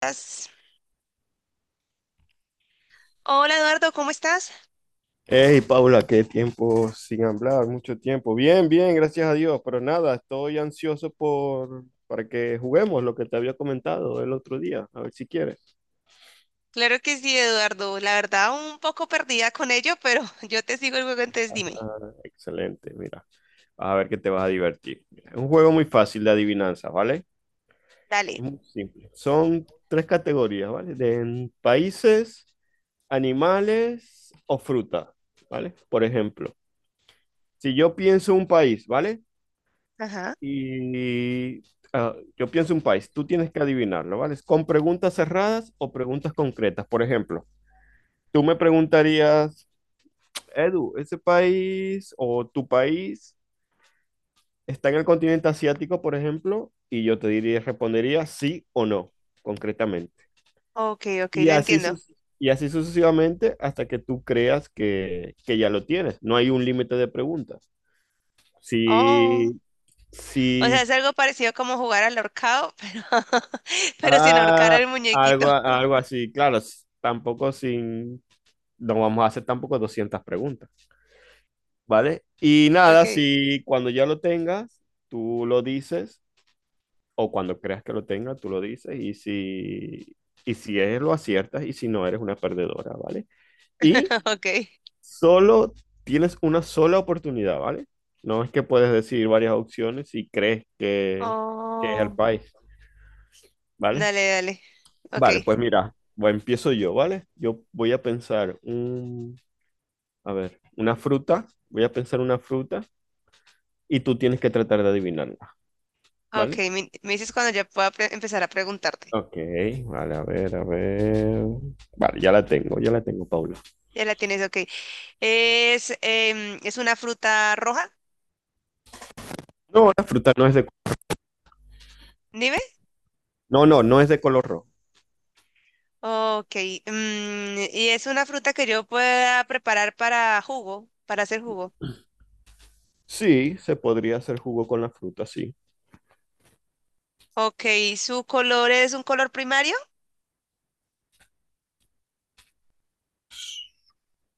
Estás? Hola Eduardo, ¿cómo estás? Hey Paula, qué tiempo sin hablar, mucho tiempo. Bien, bien, gracias a Dios, pero nada, estoy ansioso por para que juguemos lo que te había comentado el otro día, a ver si quieres. Claro que sí, Eduardo. La verdad, un poco perdida con ello, pero yo te sigo el juego, entonces dime. Ah, excelente, mira, vas a ver que te vas a divertir. Mira, es un juego muy fácil de adivinanza, ¿vale? Dale. Es muy simple. Son tres categorías, ¿vale? De países, animales o fruta, ¿vale? Por ejemplo, si yo pienso un país, ¿vale? Ajá. Y yo pienso un país, tú tienes que adivinarlo, ¿vale? ¿Con preguntas cerradas o preguntas concretas? Por ejemplo, tú me preguntarías, Edu, ¿ese país o tu país está en el continente asiático, por ejemplo? Y yo te diría, respondería sí o no, concretamente. Ok, ok, Y lo así, entiendo. sus- y así sucesivamente hasta que tú creas que ya lo tienes. No hay un límite de preguntas. Oh, Si, o sea, si es algo parecido como jugar al ahorcado, pero, pero sin ahorcar Ah, al muñequito. Algo así, claro, tampoco sin, no vamos a hacer tampoco 200 preguntas, ¿vale? Y nada, Ok, si cuando ya lo tengas, tú lo dices, o cuando creas que lo tengas, tú lo dices, y si es, lo aciertas, y si no, eres una perdedora, ¿vale? Y ok. solo tienes una sola oportunidad, ¿vale? No es que puedes decir varias opciones si crees que es el Oh. país, ¿vale? Dale, dale. Ok, Vale, pues mira, empiezo yo, ¿vale? Yo voy a pensar un, A ver, una fruta, voy a pensar una fruta y tú tienes que tratar de adivinarla, ok. ¿vale? Me dices cuando ya pueda empezar a preguntarte. Ok, vale, a ver, a ver. Vale, ya la tengo, Paula. Ya la tienes, ok. ¿Es, ¿es una fruta roja? No, la fruta no es de, Dime. no, no, no es de color rojo. Ok, y es una fruta que yo pueda preparar para jugo, para hacer jugo. Sí, se podría hacer jugo con la fruta, sí. Ok, ¿su color es un color primario?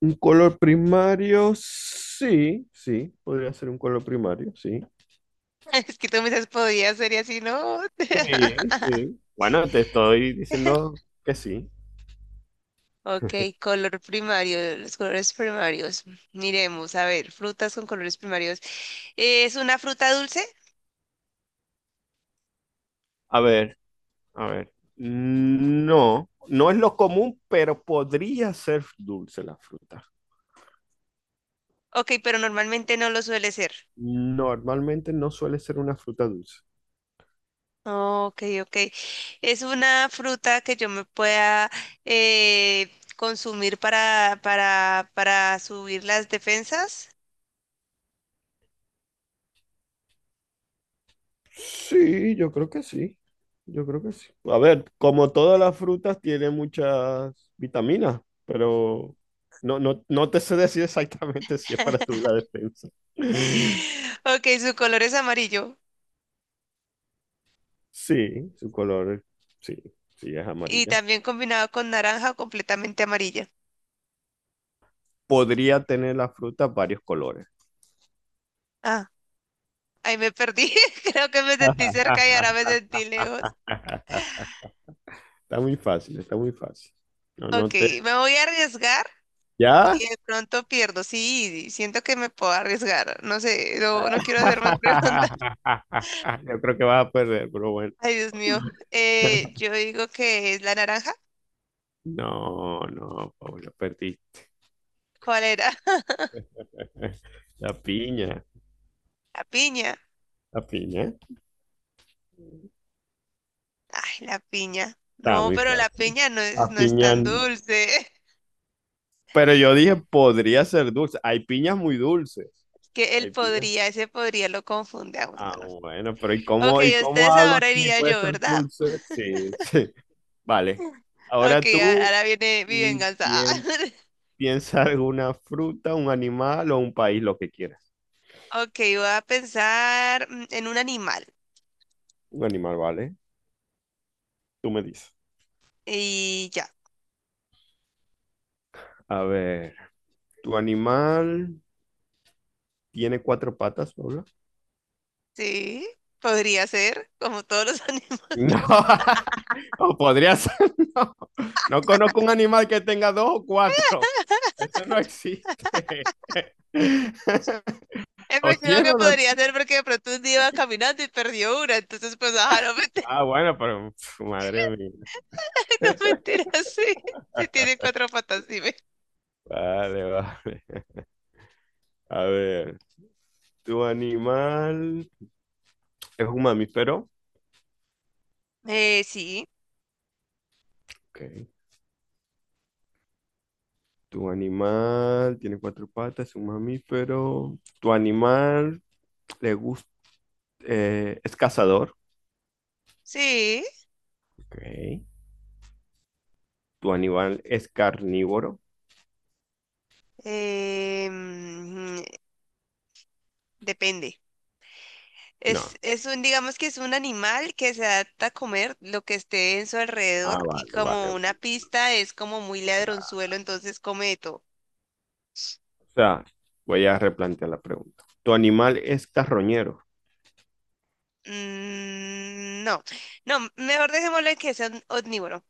Un color primario, sí, sí, podría ser un color primario, sí. Es que tú me dices, podría ser y así, ¿no? Sí, sí. Bueno, te estoy diciendo que sí. Ok, color primario, los colores primarios. Miremos, a ver, frutas con colores primarios. ¿Es una fruta dulce? A ver. A ver, no, no es lo común, pero podría ser dulce la fruta. Ok, pero normalmente no lo suele ser. Normalmente no suele ser una fruta dulce. No, ok, ok. Es una fruta que yo me pueda eh, consumir para subir las defensas. Sí, yo creo que sí. Yo creo que sí. A ver, como todas las frutas tiene muchas vitaminas, pero no te sé decir exactamente si es para subir la defensa. Ok, su color es amarillo Sí, su color, sí, sí es y amarilla. también combinado con naranja completamente amarilla. Podría tener la fruta varios colores. Ah, ahí me perdí. Creo que me sentí cerca y ahora me sentí lejos. Está muy fácil, está muy fácil. No, no Ok, te. me voy a arriesgar ¿Ya? y de pronto pierdo. Sí, siento que me puedo arriesgar. No sé, no, no quiero hacer más preguntas. Yo creo que vas a perder, pero bueno. Ay, Dios mío. Yo digo que es la naranja. No, no, Pablo, perdiste. ¿Cuál era? La piña, La piña. la piña. Ay, la piña. Está No, muy pero la fácil. piña no es, La no es piña. tan dulce. Pero yo dije, podría ser dulce. Hay piñas muy dulces. Es que él Hay piñas. podría, ese podría lo confunde a uno, Ah, ¿no? bueno, pero Ok, y cómo ustedes hago ahora si iría puede yo, ser ¿verdad? dulce? Sí, sí. Vale. Ok, Ahora tú ahora viene mi y venganza. quién Piensa alguna fruta, un animal o un país, lo que quieras. Ok, voy a pensar en un animal. Un animal, ¿vale? Tú me dices. Y ya. A ver, ¿tu animal tiene cuatro patas, Paula? Sí, podría ser, como todos los No, animales. o podría ser, no. No conozco un animal que tenga dos o cuatro. Eso no existe. Es ¿O máximo tiene que o no? podría ser porque de pronto un día iba caminando y perdió una, entonces pues ajá, no mentira, Ah, bueno, pero pf, madre mía. no mentira, sí, sí tiene cuatro patas, dime. Vale, vale. A ver, ¿tu animal es un mamífero? Sí, Ok. Tu animal tiene cuatro patas, es un mamífero. Tu animal le gust- Eh, es cazador. sí, Ok. Tu animal es carnívoro. eh, mm, depende. No. Es un, digamos que es un animal que se adapta a comer lo que esté en su Ah, alrededor y como una vale. pista es como muy ladronzuelo, entonces come de todo. O sea, voy a replantear la pregunta. Tu animal es carroñero. No, no, mejor dejémoslo en que sea un omnívoro.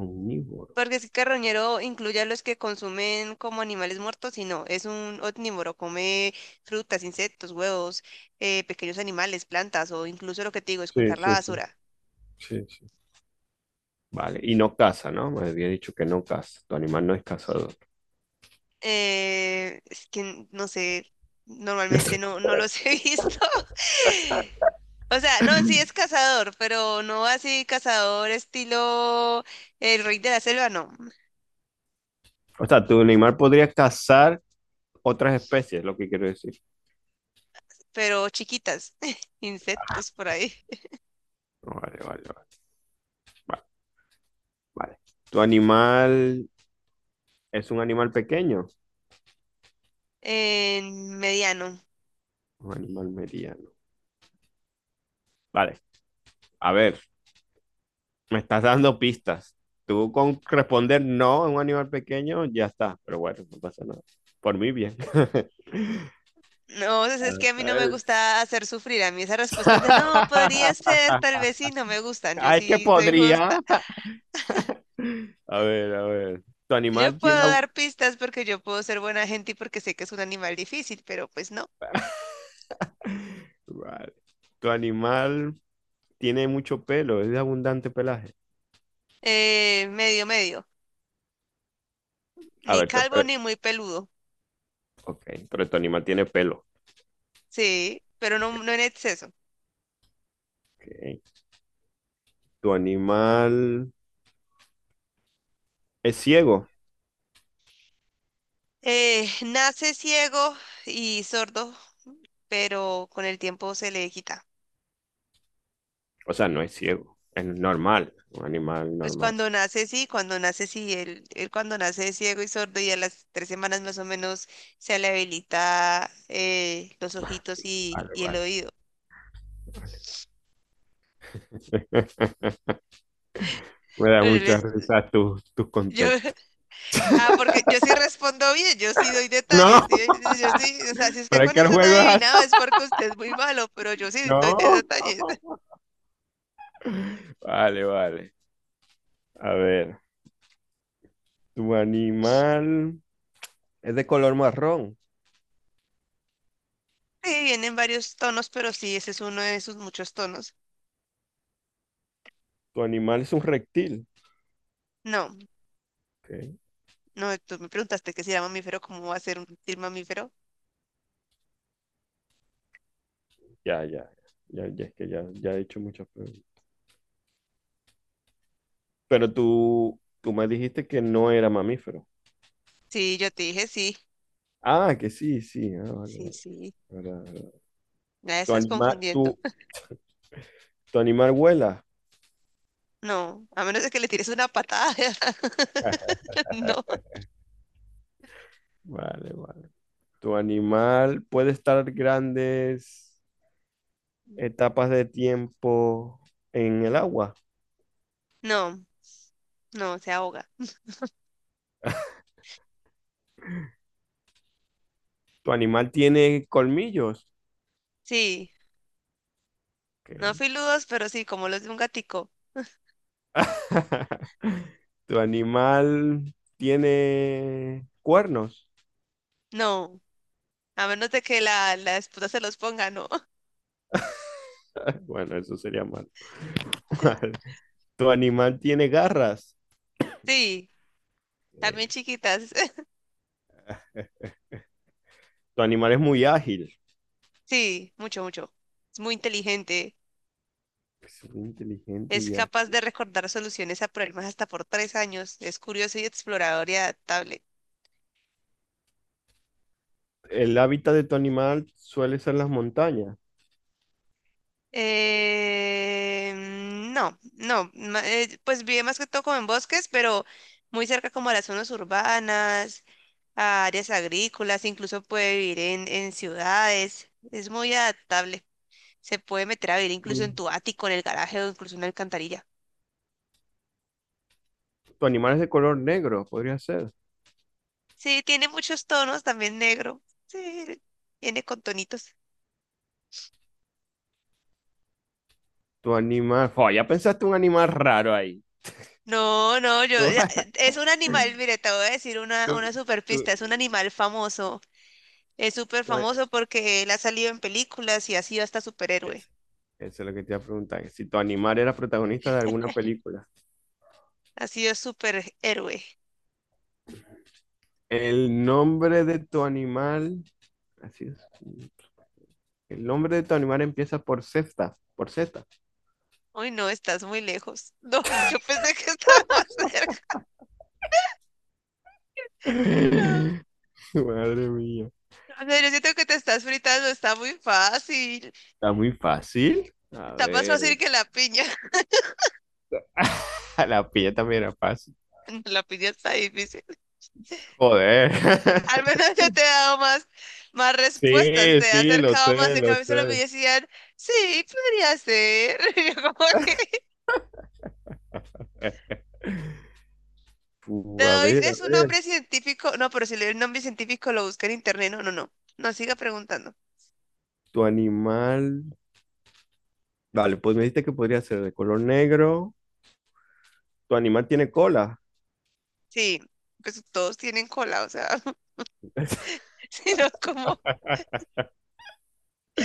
Omnívoro. Porque es que carroñero incluye a los que consumen como animales muertos y no, es un omnívoro, come frutas, insectos, huevos, pequeños animales, plantas o incluso lo que te digo, esculcar la Sí. basura. Sí, sí. Vale. Y no caza, ¿no? Me había dicho que no caza. Tu animal no es cazador. Es que no sé, normalmente no, no los he visto. O sea, no, sí es cazador, pero no así cazador estilo el rey de la selva, no, O sea, tu animal podría cazar otras especies, es lo que quiero decir. pero chiquitas, insectos por ahí. Vale, vale, vale. Vale. ¿Tu animal es un animal pequeño? En mediano. Un animal mediano. Vale. A ver, me estás dando pistas. Tú con responder no a un animal pequeño, ya está. Pero bueno, no pasa nada. Por mí, bien. No, es que a mí no me Eh, gusta hacer sufrir. A mí esas respuestas de no, podría ser, tal vez sí, no me gustan. Yo ay, que sí soy justa. podría. A ver, a ver. ¿Tu Yo animal puedo tiene... abu- dar pistas porque yo puedo ser buena gente y porque sé que es un animal difícil, pero pues no. Vale. ¿Tu animal tiene mucho pelo? ¿Es de abundante pelaje? Medio, medio. A Ni ver, calvo te- ni muy peludo. ok. Pero tu animal tiene pelo. Sí, pero Ok. no, no en exceso. Ok. Tu animal es ciego. Nace ciego y sordo, pero con el tiempo se le quita. O sea, no es ciego, es normal, un animal Pues normal. Cuando nace, sí, él cuando nace es ciego y sordo y a las 3 semanas más o menos se le habilita los ojitos Vale, y el vale. oído. Me da Pero mucha risa tus yo, contextos. ah, porque yo sí respondo bien, yo sí doy detalles, No, ¿sí ve? Yo sí, o sea, si usted pero es con que el eso no ha juego es adivinado así. es porque usted es muy malo, pero yo sí doy No. detalles. Vale, vale. A ver, tu animal, es de color marrón. Sí, vienen varios tonos, pero sí, ese es uno de sus muchos tonos. Tu animal es un reptil. No, Ok, no, tú me preguntaste que si era mamífero, ¿cómo va a ser un reptil mamífero? Ya, ya, ya, es que ya he hecho muchas preguntas. Pero tú me dijiste que no era mamífero. Sí, yo te dije sí. Ah, que sí, sí. Ah, vale, Sí, vale. sí. Ahora- Ya Tu estás animal, tu, confundiendo. tu animal vuela. No, a menos de que le tires una patada. No, Vale, vale. Tu animal puede estar grandes etapas de tiempo en el agua. no, no, se ahoga. Tu animal tiene colmillos. Sí, Ok. no filudos, pero sí, como los de un gatico. Tu animal tiene cuernos. No, a menos de que la esposa se los ponga, no. Bueno, eso sería mal. Tu animal tiene garras. Sí, también Ok. chiquitas. Tu animal es muy ágil. Sí, mucho, mucho. Es muy inteligente. Es muy inteligente y Es ya. capaz de recordar soluciones a problemas hasta por 3 años. Es curioso y explorador y adaptable. El hábitat de tu animal suele ser las montañas. Eh, no, no, pues vive más que todo como en bosques, pero muy cerca como a las zonas urbanas, a áreas agrícolas, incluso puede vivir en ciudades, es muy adaptable, se puede meter a vivir incluso en tu ático, en el garaje o incluso en una alcantarilla. Tu animal es de color negro, podría ser. Sí, tiene muchos tonos, también negro, sí, viene con tonitos. Tu animal. Oh, ya pensaste un animal raro ahí. No, no, yo, Tu, ya, es un animal, mire, te voy a decir tu- una super tu- pista, es un animal famoso. Es súper tu- famoso porque él ha salido en películas y ha sido hasta superhéroe. eso, eso es lo que te iba a preguntar. Si tu animal era protagonista de alguna película. Ha sido superhéroe. El nombre de tu animal. Así es. El nombre de tu animal empieza por Z. Por Z. Uy, no, estás muy lejos. No, yo pensé que estaba más cerca. No. Madre mía. O sea, yo siento que te estás fritando, está muy fácil. Está muy fácil. A Está más ver. fácil que la piña. La pilla también era fácil. No, la piña está difícil. Joder. Al menos yo te he dado más, más respuestas, Sí, te he sí, lo acercado más. sé, En lo cambio, solo me sé. decían, sí, podría ser. Y yo como que no, A es un ver, nombre científico. No, pero si le doy el nombre científico lo busca en internet. No, no, no. No siga preguntando. tu animal. Vale, pues me dijiste que podría ser de color negro. Tu animal tiene cola. Sí, pues todos tienen cola, o sea, sino no, como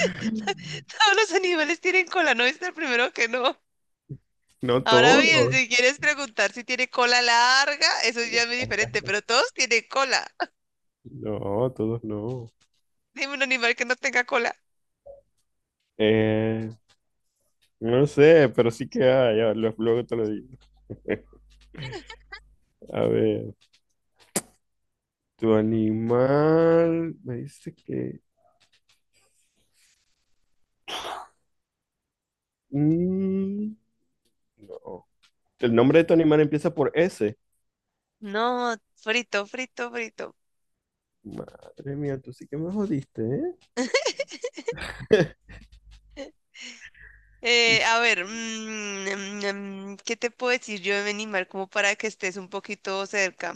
todos los animales tienen cola, no es el primero que no. No Ahora bien, todos. si quieres preguntar si tiene cola larga, eso ya es muy diferente, pero todos tienen cola. No, todos no. Dime un animal que no tenga cola. Eh, no sé, pero sí que hay. Ya, luego te lo digo. A ver, tu animal. Me dice que. mm, no. El nombre de tu animal empieza por S. No, frito, frito, frito. Madre mía, tú sí que me jodiste, ¿eh? Tú sí- A ver, ¿qué te puedo decir yo de mi animal como para que estés un poquito cerca?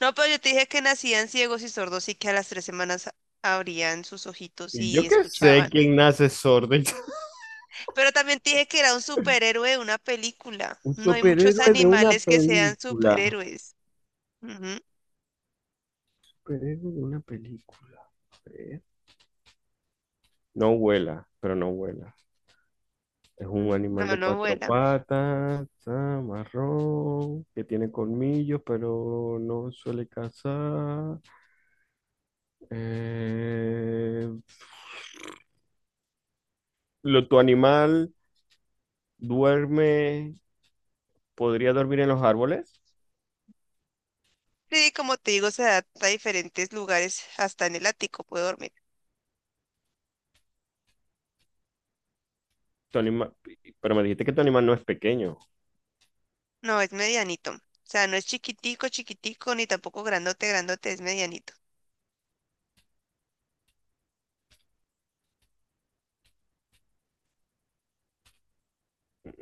No, pero yo te dije que nacían ciegos y sordos y que a las 3 semanas abrían sus ojitos Y yo y qué sé escuchaban. quién nace sordo. Pero también te dije que era un superhéroe de una película. Un No hay muchos superhéroe de una animales que sean película. superhéroes. Ujú. Superhéroe de una película. A ver. No vuela, pero no vuela. Es un animal No, de no cuatro vuela. patas, ah, marrón, que tiene colmillos, pero no suele cazar. Eh, ¿Tu animal duerme, podría dormir en los árboles? Sí, como te digo, se adapta a diferentes lugares. Hasta en el ático puede dormir. Tu anima- pero me dijiste que tu animal no es pequeño. No, es medianito. O sea, no es chiquitico, chiquitico, ni tampoco grandote, grandote, es medianito.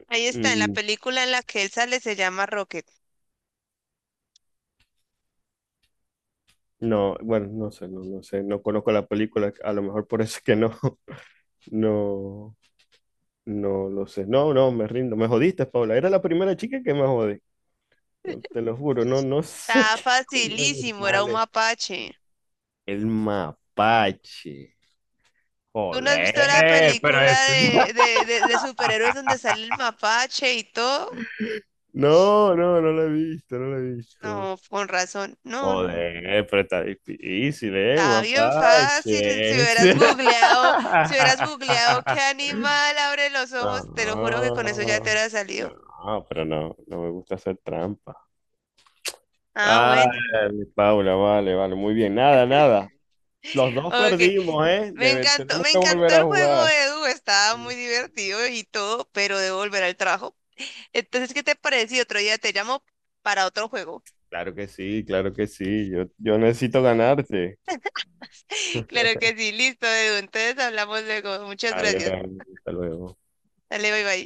Ahí está, en la Mm, película en la que él sale se llama Rocket. no, bueno, no sé, no, no sé, no conozco la película, a lo mejor por eso es que no. No, no lo sé. No, no, me rindo. Me jodiste, Paula. Era la primera chica que me jodí. No, te lo juro, no, no sé Está qué coño de facilísimo, era un animal mapache. el mapache. ¿Tú no has visto la Joder, pero película es- de superhéroes donde sale el mapache y todo? No, no, no lo he visto, no lo he visto. No, con razón. No, no, no. Joder, pero está difícil, ¿eh? Un Está bien fácil. Si mapache. hubieras googleado, si hubieras googleado qué animal abre los ojos, te lo juro que con eso ya te No, hubiera salido. no, pero no, no me gusta hacer trampa. Ah, Ah, bueno. mi Paula, vale, vale, muy bien. Nada, nada. Los dos Ok. perdimos, ¿eh? Debe- tenemos Me que encantó volver a el juego, jugar. Edu. Estaba muy Sí. divertido y todo, pero debo volver al trabajo. Entonces, ¿qué te parece? Si otro día te llamo para otro juego. Claro que sí, claro que sí. Yo necesito ganarte. Claro que sí, listo, Edu. Entonces hablamos luego. Muchas Vale, gracias. vale, hasta luego. Dale, bye bye.